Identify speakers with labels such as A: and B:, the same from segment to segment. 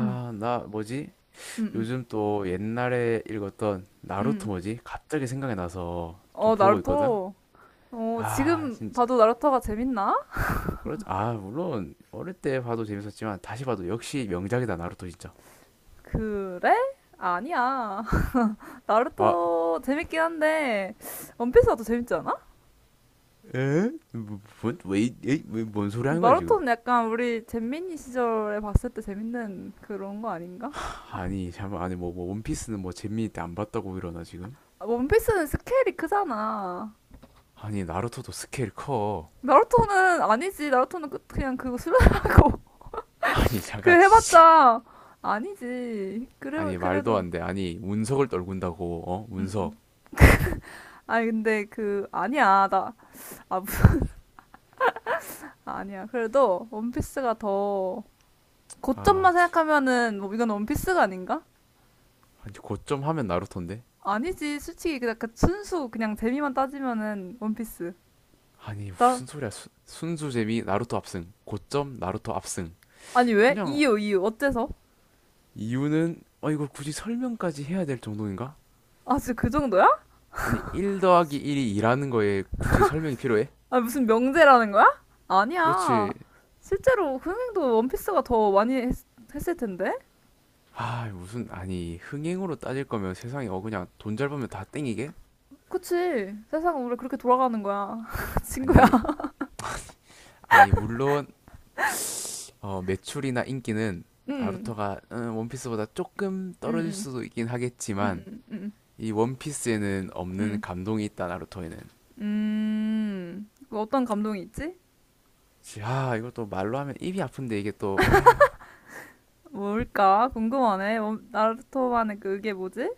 A: 음,
B: 나 뭐지?
A: 음, 음,
B: 요즘 또 옛날에 읽었던 나루토
A: 음.
B: 뭐지? 갑자기 생각이 나서 좀
A: 어,
B: 보고 있거든.
A: 나루토. 어,
B: 아,
A: 지금
B: 진짜.
A: 봐도 나루토가 재밌나?
B: 그렇 아, 물론 어릴 때 봐도 재밌었지만 다시 봐도 역시 명작이다 나루토 진짜.
A: 그래? 아니야.
B: 아,
A: 나루토 재밌긴 한데, 원피스가 더 재밌지 않아?
B: 에? 뭐, 뭔, 왜, 이- 에이, 왜, 뭔 소리 하는 거야 지금?
A: 나루토는 약간 우리 잼민이 시절에 봤을 때 재밌는 그런 거 아닌가?
B: 아니, 잠깐, 아니 뭐, 뭐 원피스는 뭐 재미있 때안 봤다고 이러나 지금?
A: 아, 원피스는 스케일이 크잖아.
B: 아니 나루토도 스케일 커.
A: 나루토는 아니지. 나루토는 그냥 그거 수련하고.
B: 아니
A: 그
B: 잠깐 진짜.
A: 해봤자 아니지. 그래,
B: 아니 말도
A: 그래도.
B: 안 돼. 아니 운석을 떨군다고, 어?
A: 음,
B: 운석.
A: 음. 아니, 근데 그, 아니야. 나, 아, 아니야. 그래도 원피스가 더
B: 아,
A: 고점만 생각하면은 뭐 이건 원피스가 아닌가?
B: 아니 고점 하면 나루토인데?
A: 아니지. 솔직히 그냥 그 순수 그냥 재미만 따지면은 원피스.
B: 아니
A: 나
B: 무슨 소리야 순수 재미 나루토 압승 고점 나루토 압승.
A: 아니 왜?
B: 그냥
A: 이유 어때서?
B: 이유는 어 이걸 굳이 설명까지 해야 될 정도인가?
A: 아 진짜 그 정도야?
B: 아니 1 더하기 1이 2라는 거에 굳이 설명이 필요해?
A: 아 무슨 명제라는 거야?
B: 그렇지.
A: 아니야. 실제로 흥행도 원피스가 더 많이 했을 텐데.
B: 아 무슨, 아니 흥행으로 따질 거면 세상에 어 그냥 돈 잘 벌면 다 땡이게?
A: 그치. 세상은 원래 그렇게 돌아가는 거야. 친구야.
B: 아니 아니 물론 어, 매출이나 인기는
A: 응.
B: 나루토가 원피스보다 조금 떨어질
A: 응.
B: 수도 있긴
A: 응. 응.
B: 하겠지만
A: 응. 응.
B: 이 원피스에는 없는
A: 응.
B: 감동이 있다 나루토에는.
A: 음. 그 어떤 감동이 있지?
B: 야, 이걸 또 말로 하면 입이 아픈데 이게 또, 아,
A: 뭘까? 궁금하네. 뭐, 나루토만의 그 그게 뭐지?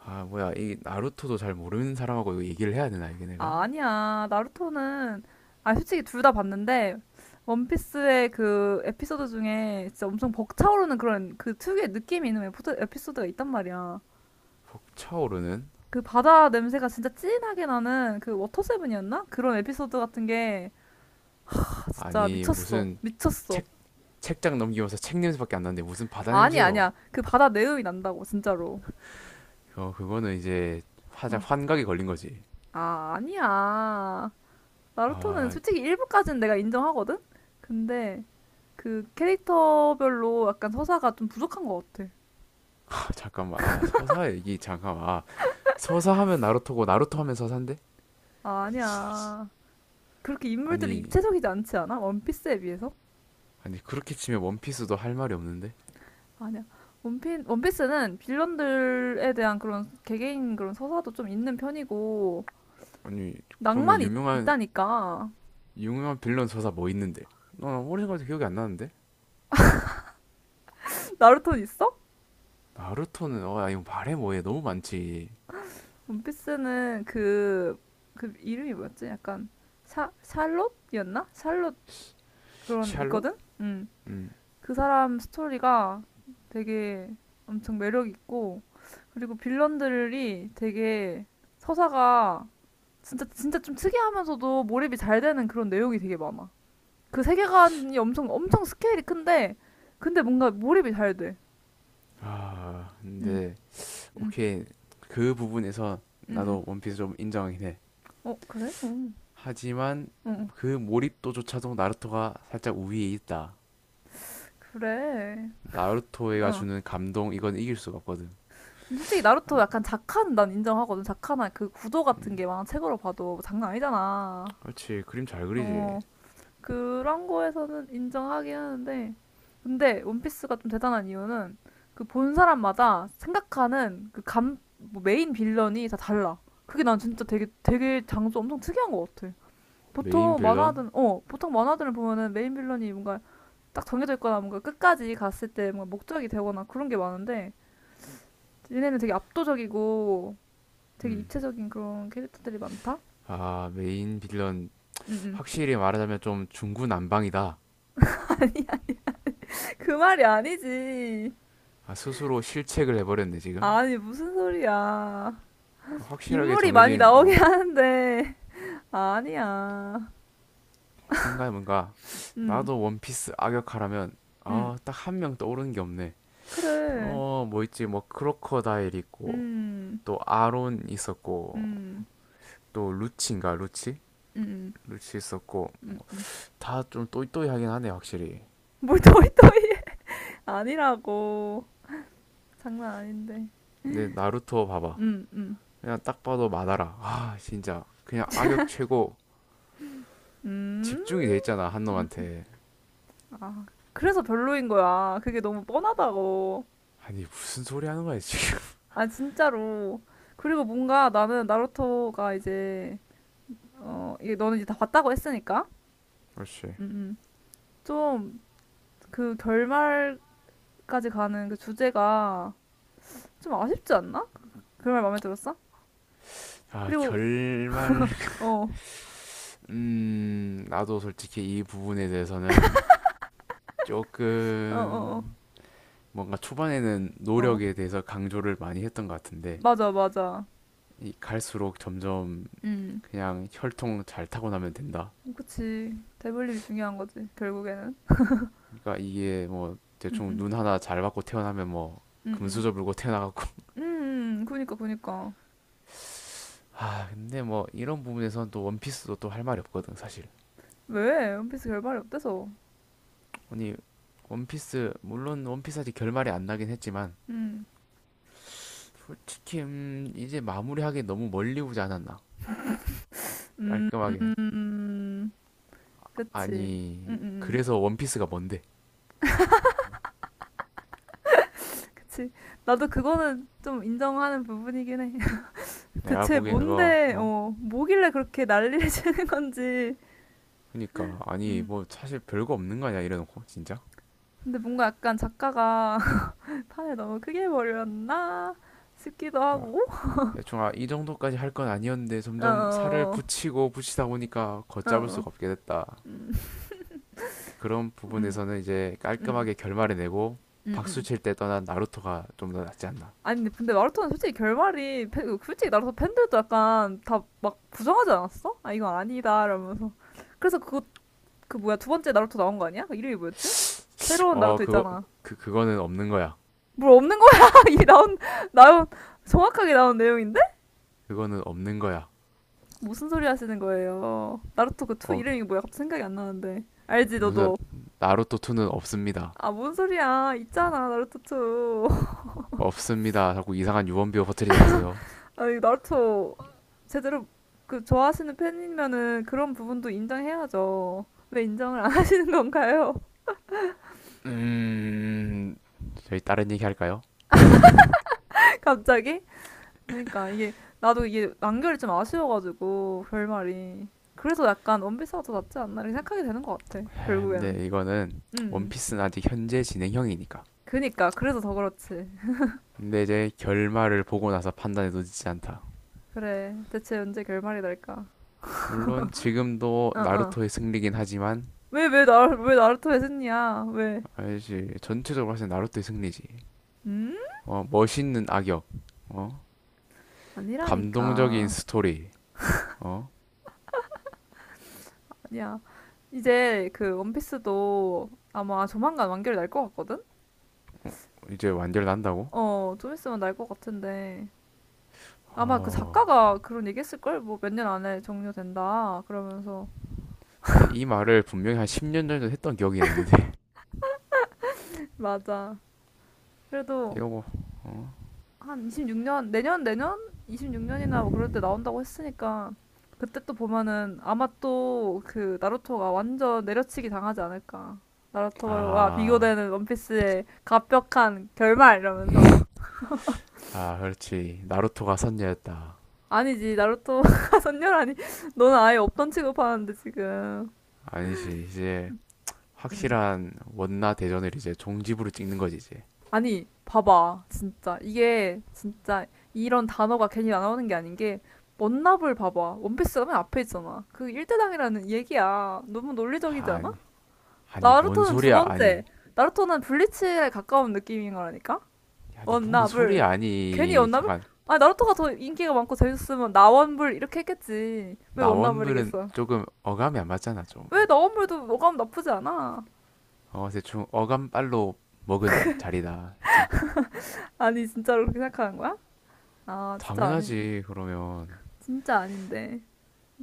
B: 아, 뭐야, 이 나루토도 잘 모르는 사람하고 이거 얘기를 해야 되나, 이게
A: 아,
B: 내가?
A: 아니야. 나루토는, 아, 솔직히 둘 다 봤는데, 원피스의 그 에피소드 중에 진짜 엄청 벅차오르는 그런 그 특유의 느낌이 있는 에피소드가 있단 말이야.
B: 차오르는?
A: 그 바다 냄새가 진짜 진하게 나는 그 워터세븐이었나? 그런 에피소드 같은 게 아, 진짜
B: 아니,
A: 미쳤어.
B: 무슨
A: 미쳤어.
B: 책, 책장 넘기면서 책 냄새밖에 안 나는데 무슨 바다
A: 아니,
B: 냄새요?
A: 아니야. 그 바다 내음이 난다고, 진짜로.
B: 어, 그거는 이제
A: 응.
B: 화작 환각에 걸린 거지.
A: 아, 아니야. 나루토는
B: 아,
A: 솔직히 일부까지는 내가 인정하거든? 근데 그 캐릭터별로 약간 서사가 좀 부족한 것 같아.
B: 아, 잠깐만, 아, 서사 얘기, 잠깐만, 아, 서사 하면 나루토고 나루토 하면 서사인데?
A: 아, 아니야. 그렇게 인물들이
B: 아니,
A: 입체적이지 않지 않아? 원피스에 비해서?
B: 아니, 그렇게 치면 원피스도 할 말이 없는데?
A: 아니야. 원피스는 빌런들에 대한 그런 개개인 그런 서사도 좀 있는 편이고,
B: 아니, 그러면
A: 낭만이 있다니까.
B: 유명한 빌런 서사 뭐 있는데? 나 오래 생각해도 기억이 안 나는데?
A: 나루토는 있어?
B: 나루토는 어 이거 말해 뭐해 너무 많지.
A: 원피스는 그, 그 이름이 뭐였지? 약간 샬롯이었나? 샬롯 그런
B: 샬롯?
A: 있거든? 음. 그 사람 스토리가 되게 엄청 매력 있고 그리고 빌런들이 되게 서사가 진짜 진짜 좀 특이하면서도 몰입이 잘 되는 그런 내용이 되게 많아. 그 세계관이 엄청 엄청 스케일이 큰데 근데 뭔가 몰입이 잘 돼.
B: 음아
A: 응,
B: 근데
A: 응,
B: 오케이 그 부분에서
A: 응, 응.
B: 나도 원피스 좀 인정하긴 해.
A: 어 그래? 응,
B: 하지만
A: 응,
B: 그 몰입도조차도 나루토가 살짝 우위에 있다.
A: 그래.
B: 나루토가
A: 어.
B: 주는 감동 이건 이길 수가 없거든.
A: 근데 솔직히 나루토 약간 작한 난 인정하거든. 작한한 그 구도 같은
B: 음
A: 게 막 책으로 봐도 장난 아니잖아.
B: 그렇지 그림 잘 그리지.
A: 어. 그런 거에서는 인정하긴 하는데, 근데 원피스가 좀 대단한 이유는 그 본 사람마다 생각하는 그 감, 뭐 메인 빌런이 다 달라. 그게 난 진짜 되게 되게 장소 엄청 특이한 것 같아.
B: 메인
A: 보통
B: 빌런?
A: 만화든 어 보통 만화들을 보면은 메인 빌런이 뭔가 딱 정해져 있거나 뭔가 끝까지 갔을 때 뭔가 목적이 되거나 그런 게 많은데 얘네는 되게 압도적이고 되게 입체적인 그런 캐릭터들이 많다.
B: 음아 메인 빌런
A: 응응.
B: 확실히 말하자면 좀 중구난방이다.
A: 그 말이 아니지.
B: 아, 스스로 실책을 해버렸네 지금.
A: 아니 무슨 소리야.
B: 확실하게
A: 인물이 많이
B: 정해진
A: 나오긴
B: 어?
A: 하는데 아니야.
B: 생각해 뭔가
A: 음,
B: 나도 원피스 악역하라면
A: 음,
B: 아, 딱 한명 떠오르는 게 없네.
A: 그래.
B: 어, 뭐 있지? 뭐 크로커다일 있고
A: 음,
B: 또 아론 있었고
A: 음,
B: 또 루치인가? 루치?
A: 음,
B: 루치 있었고
A: 음.
B: 다 좀 또이또이하긴 하네 확실히.
A: 뭘 토이토이 아니라고. 장난 아닌데.
B: 근데 나루토 봐봐.
A: 음, 음,
B: 그냥 딱 봐도 마다라. 아, 진짜 그냥 악역 최고.
A: 음,
B: 집중이 돼 있잖아 한
A: 음.
B: 놈한테.
A: 아, 그래서 별로인 거야. 그게 너무 뻔하다고.
B: 아니 무슨 소리 하는 거야 지금?
A: 아, 진짜로. 그리고 뭔가 나는 나루토가 이제 어, 이게 너는 이제 다 봤다고 했으니까.
B: 그렇지.
A: 음, 음. 좀 그 결말까지 가는 그 주제가 좀 아쉽지 않나? 그말 마음에 들었어?
B: 아,
A: 그리고
B: 결말.
A: 어,
B: 나도 솔직히 이 부분에 대해서는
A: 어, 어,
B: 조금 뭔가 초반에는
A: 어, 어.
B: 노력에 대해서 강조를 많이 했던 것 같은데
A: 맞아, 맞아.
B: 이 갈수록 점점
A: 음,
B: 그냥 혈통 잘 타고 나면 된다.
A: 그치. 대블립이 중요한 거지, 결국에는.
B: 그러니까 이게 뭐
A: 음,
B: 대충
A: 음,
B: 눈 하나 잘 받고 태어나면 뭐
A: 음, 음.
B: 금수저 물고 태어나갖고
A: 음, 그니까.
B: 아 근데 뭐 이런 부분에선 또 원피스도 또 할 말이 없거든 사실.
A: 왜? 원피스 결말이 어때서?
B: 아니 원피스 아직 결말이 안 나긴 했지만
A: 음,
B: 솔직히 이제 마무리하기 너무 멀리 오지 않았나
A: 음,
B: 깔끔하게.
A: 음, 그치. 음,
B: 아니
A: 음, 음.
B: 그래서 원피스가 뭔데?
A: 그치. 나도 그거는 좀 인정하는 부분이긴 해.
B: 내가
A: 대체
B: 보기엔 그거
A: 뭔데,
B: 어
A: 어, 뭐길래 그렇게 난리를 치는 건지.
B: 그니까 아니
A: 음.
B: 뭐 사실 별거 없는 거 아니야 이래놓고 진짜.
A: 근데 뭔가 약간 작가가 판을 너무 크게 버렸나 싶기도
B: 그러니까
A: 하고
B: 대충 아, 이 정도까지 할건 아니었는데 점점 살을
A: 어어
B: 붙이고 붙이다 보니까
A: 어,
B: 걷잡을
A: 어.
B: 수가 없게 됐다.
A: 음,
B: 그런
A: 음, 음,
B: 부분에서는 이제
A: 음,
B: 깔끔하게 결말을 내고 박수
A: 음.
B: 칠 때 떠난 나루토가 좀 더 낫지 않나.
A: 아니 근데, 근데 마라톤 솔직히 결말이 솔직히 나라서 팬들도 약간 다 막 부정하지 않았어? 아 이건 아니다 이러면서 그래서 그거 그 뭐야 두 번째 나루토 나온 거 아니야? 그 이름이 뭐였지? 새로운
B: 어
A: 나루토
B: 그거
A: 있잖아
B: 그거는 없는 거야.
A: 뭘 없는 거야 이 나온 나온 정확하게 나온 내용인데
B: 그거는 없는 거야.
A: 무슨 소리 하시는 거예요 나루토 그 투
B: 어
A: 이름이 뭐야 갑자기 생각이 안 나는데 알지
B: 무슨
A: 너도
B: 나루토 2는 없습니다.
A: 아, 뭔 소리야. 있잖아, 나루토 투
B: 없습니다. 자꾸 이상한 유언비어 퍼뜨리지 마세요.
A: 아니, 나루토 제대로 그 좋아하시는 팬이면은 그런 부분도 인정해야죠. 왜 인정을 안 하시는 건가요?
B: 음 저희 다른 얘기 할까요?
A: 갑자기? 그러니까 이게 나도 이게 완결이 좀 아쉬워가지고 결말이 그래서 약간 원피스가 더 낫지 않나 이렇게 생각하게 되는 것 같아 결국에는
B: 근데 이거는
A: 음 음.
B: 원피스는 아직 현재 진행형이니까.
A: 그니까 그래서 더 그렇지
B: 근데 이제 결말을 보고 나서 판단해도 늦지 않다.
A: 그래 대체 언제 결말이 날까
B: 물론 지금도
A: 어어
B: 나루토의 승리긴 하지만
A: 왜 왜 나 왜 나루토 에즈니야 왜
B: 알지 전체적으로 봤을 때 나루토의 승리지.
A: 음?
B: 어 멋있는 악역, 어 감동적인
A: 아니라니까
B: 스토리, 어
A: 야, 이제 그 원피스도 아마 조만간 완결이 날 것 같거든?
B: 이제 완결 난다고?
A: 어, 좀 있으면 날 것 같은데. 아마 그
B: 어
A: 작가가 그런 얘기 했을걸? 뭐 몇 년 안에 종료된다. 그러면서.
B: 근데 이 말을 분명히 한 10년 전에도 했던 기억이 있는데
A: 맞아. 그래도
B: 이러고 어?
A: 한 26년, 내년, 내년? 26년이나 뭐 그럴 때 나온다고 했으니까. 그때 또 보면은 아마 또 그 나루토가 완전 내려치기 당하지 않을까. 나루토와
B: 아,
A: 비교되는 원피스의 갑벽한 결말 이러면서.
B: 아 그렇지 나루토가 선녀였다.
A: 아니지, 나루토가 선녀라니. 너는 아예 없던 취급하는데, 지금.
B: 아니지 이제
A: 응.
B: 확실한 원나 대전을 이제 종집으로 찍는 거지 이제.
A: 아니, 봐봐. 진짜. 이게, 진짜, 이런 단어가 괜히 나오는 게 아닌 게, 원나블 봐봐. 원피스가 맨 앞에 있잖아. 그 일대당이라는 얘기야. 너무 논리적이지 않아?
B: 아니 아니 뭔
A: 나루토는 두
B: 소리야 아니
A: 번째. 나루토는 블리츠에 가까운 느낌인 거라니까?
B: 아니 뭔
A: 원나블.
B: 소리야
A: 괜히
B: 아니
A: 원나블?
B: 잠깐.
A: 아, 나루토가 더 인기가 많고 재밌었으면 나원불 이렇게 했겠지. 왜
B: 나원불은
A: 원나블이겠어?
B: 조금 어감이 안 맞잖아 좀어.
A: 왜 나원불도 어감 나쁘지 않아?
B: 대충 어감 빨로 먹은 자리다 살짝.
A: 아니 진짜로 그렇게 생각하는 거야? 아 진짜 아닌
B: 당연하지 그러면.
A: 진짜 아닌데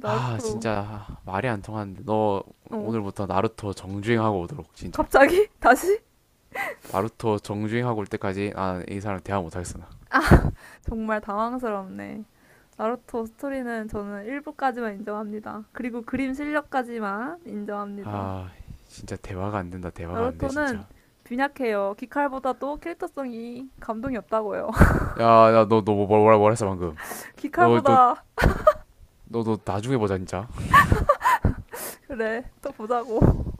B: 아 진짜 말이 안 통하는데 너.
A: 어
B: 오늘부터 나루토 정주행하고 오도록 진짜.
A: 갑자기 다시
B: 나루토 정주행하고 올 때까지 아 이 사람 대화 못하겠어.
A: 정말 당황스럽네 나루토 스토리는 저는 일부까지만 인정합니다 그리고 그림 실력까지만 인정합니다
B: 나아 진짜 대화가 안 된다 대화가 안돼
A: 나루토는
B: 진짜.
A: 빈약해요 기칼보다도 캐릭터성이 감동이 없다고요
B: 야, 야, 뭐라 했어, 방금. 너, 너,
A: 기칼보다
B: 너, 너, 나중에 보자, 진짜.
A: 그래 또 보자고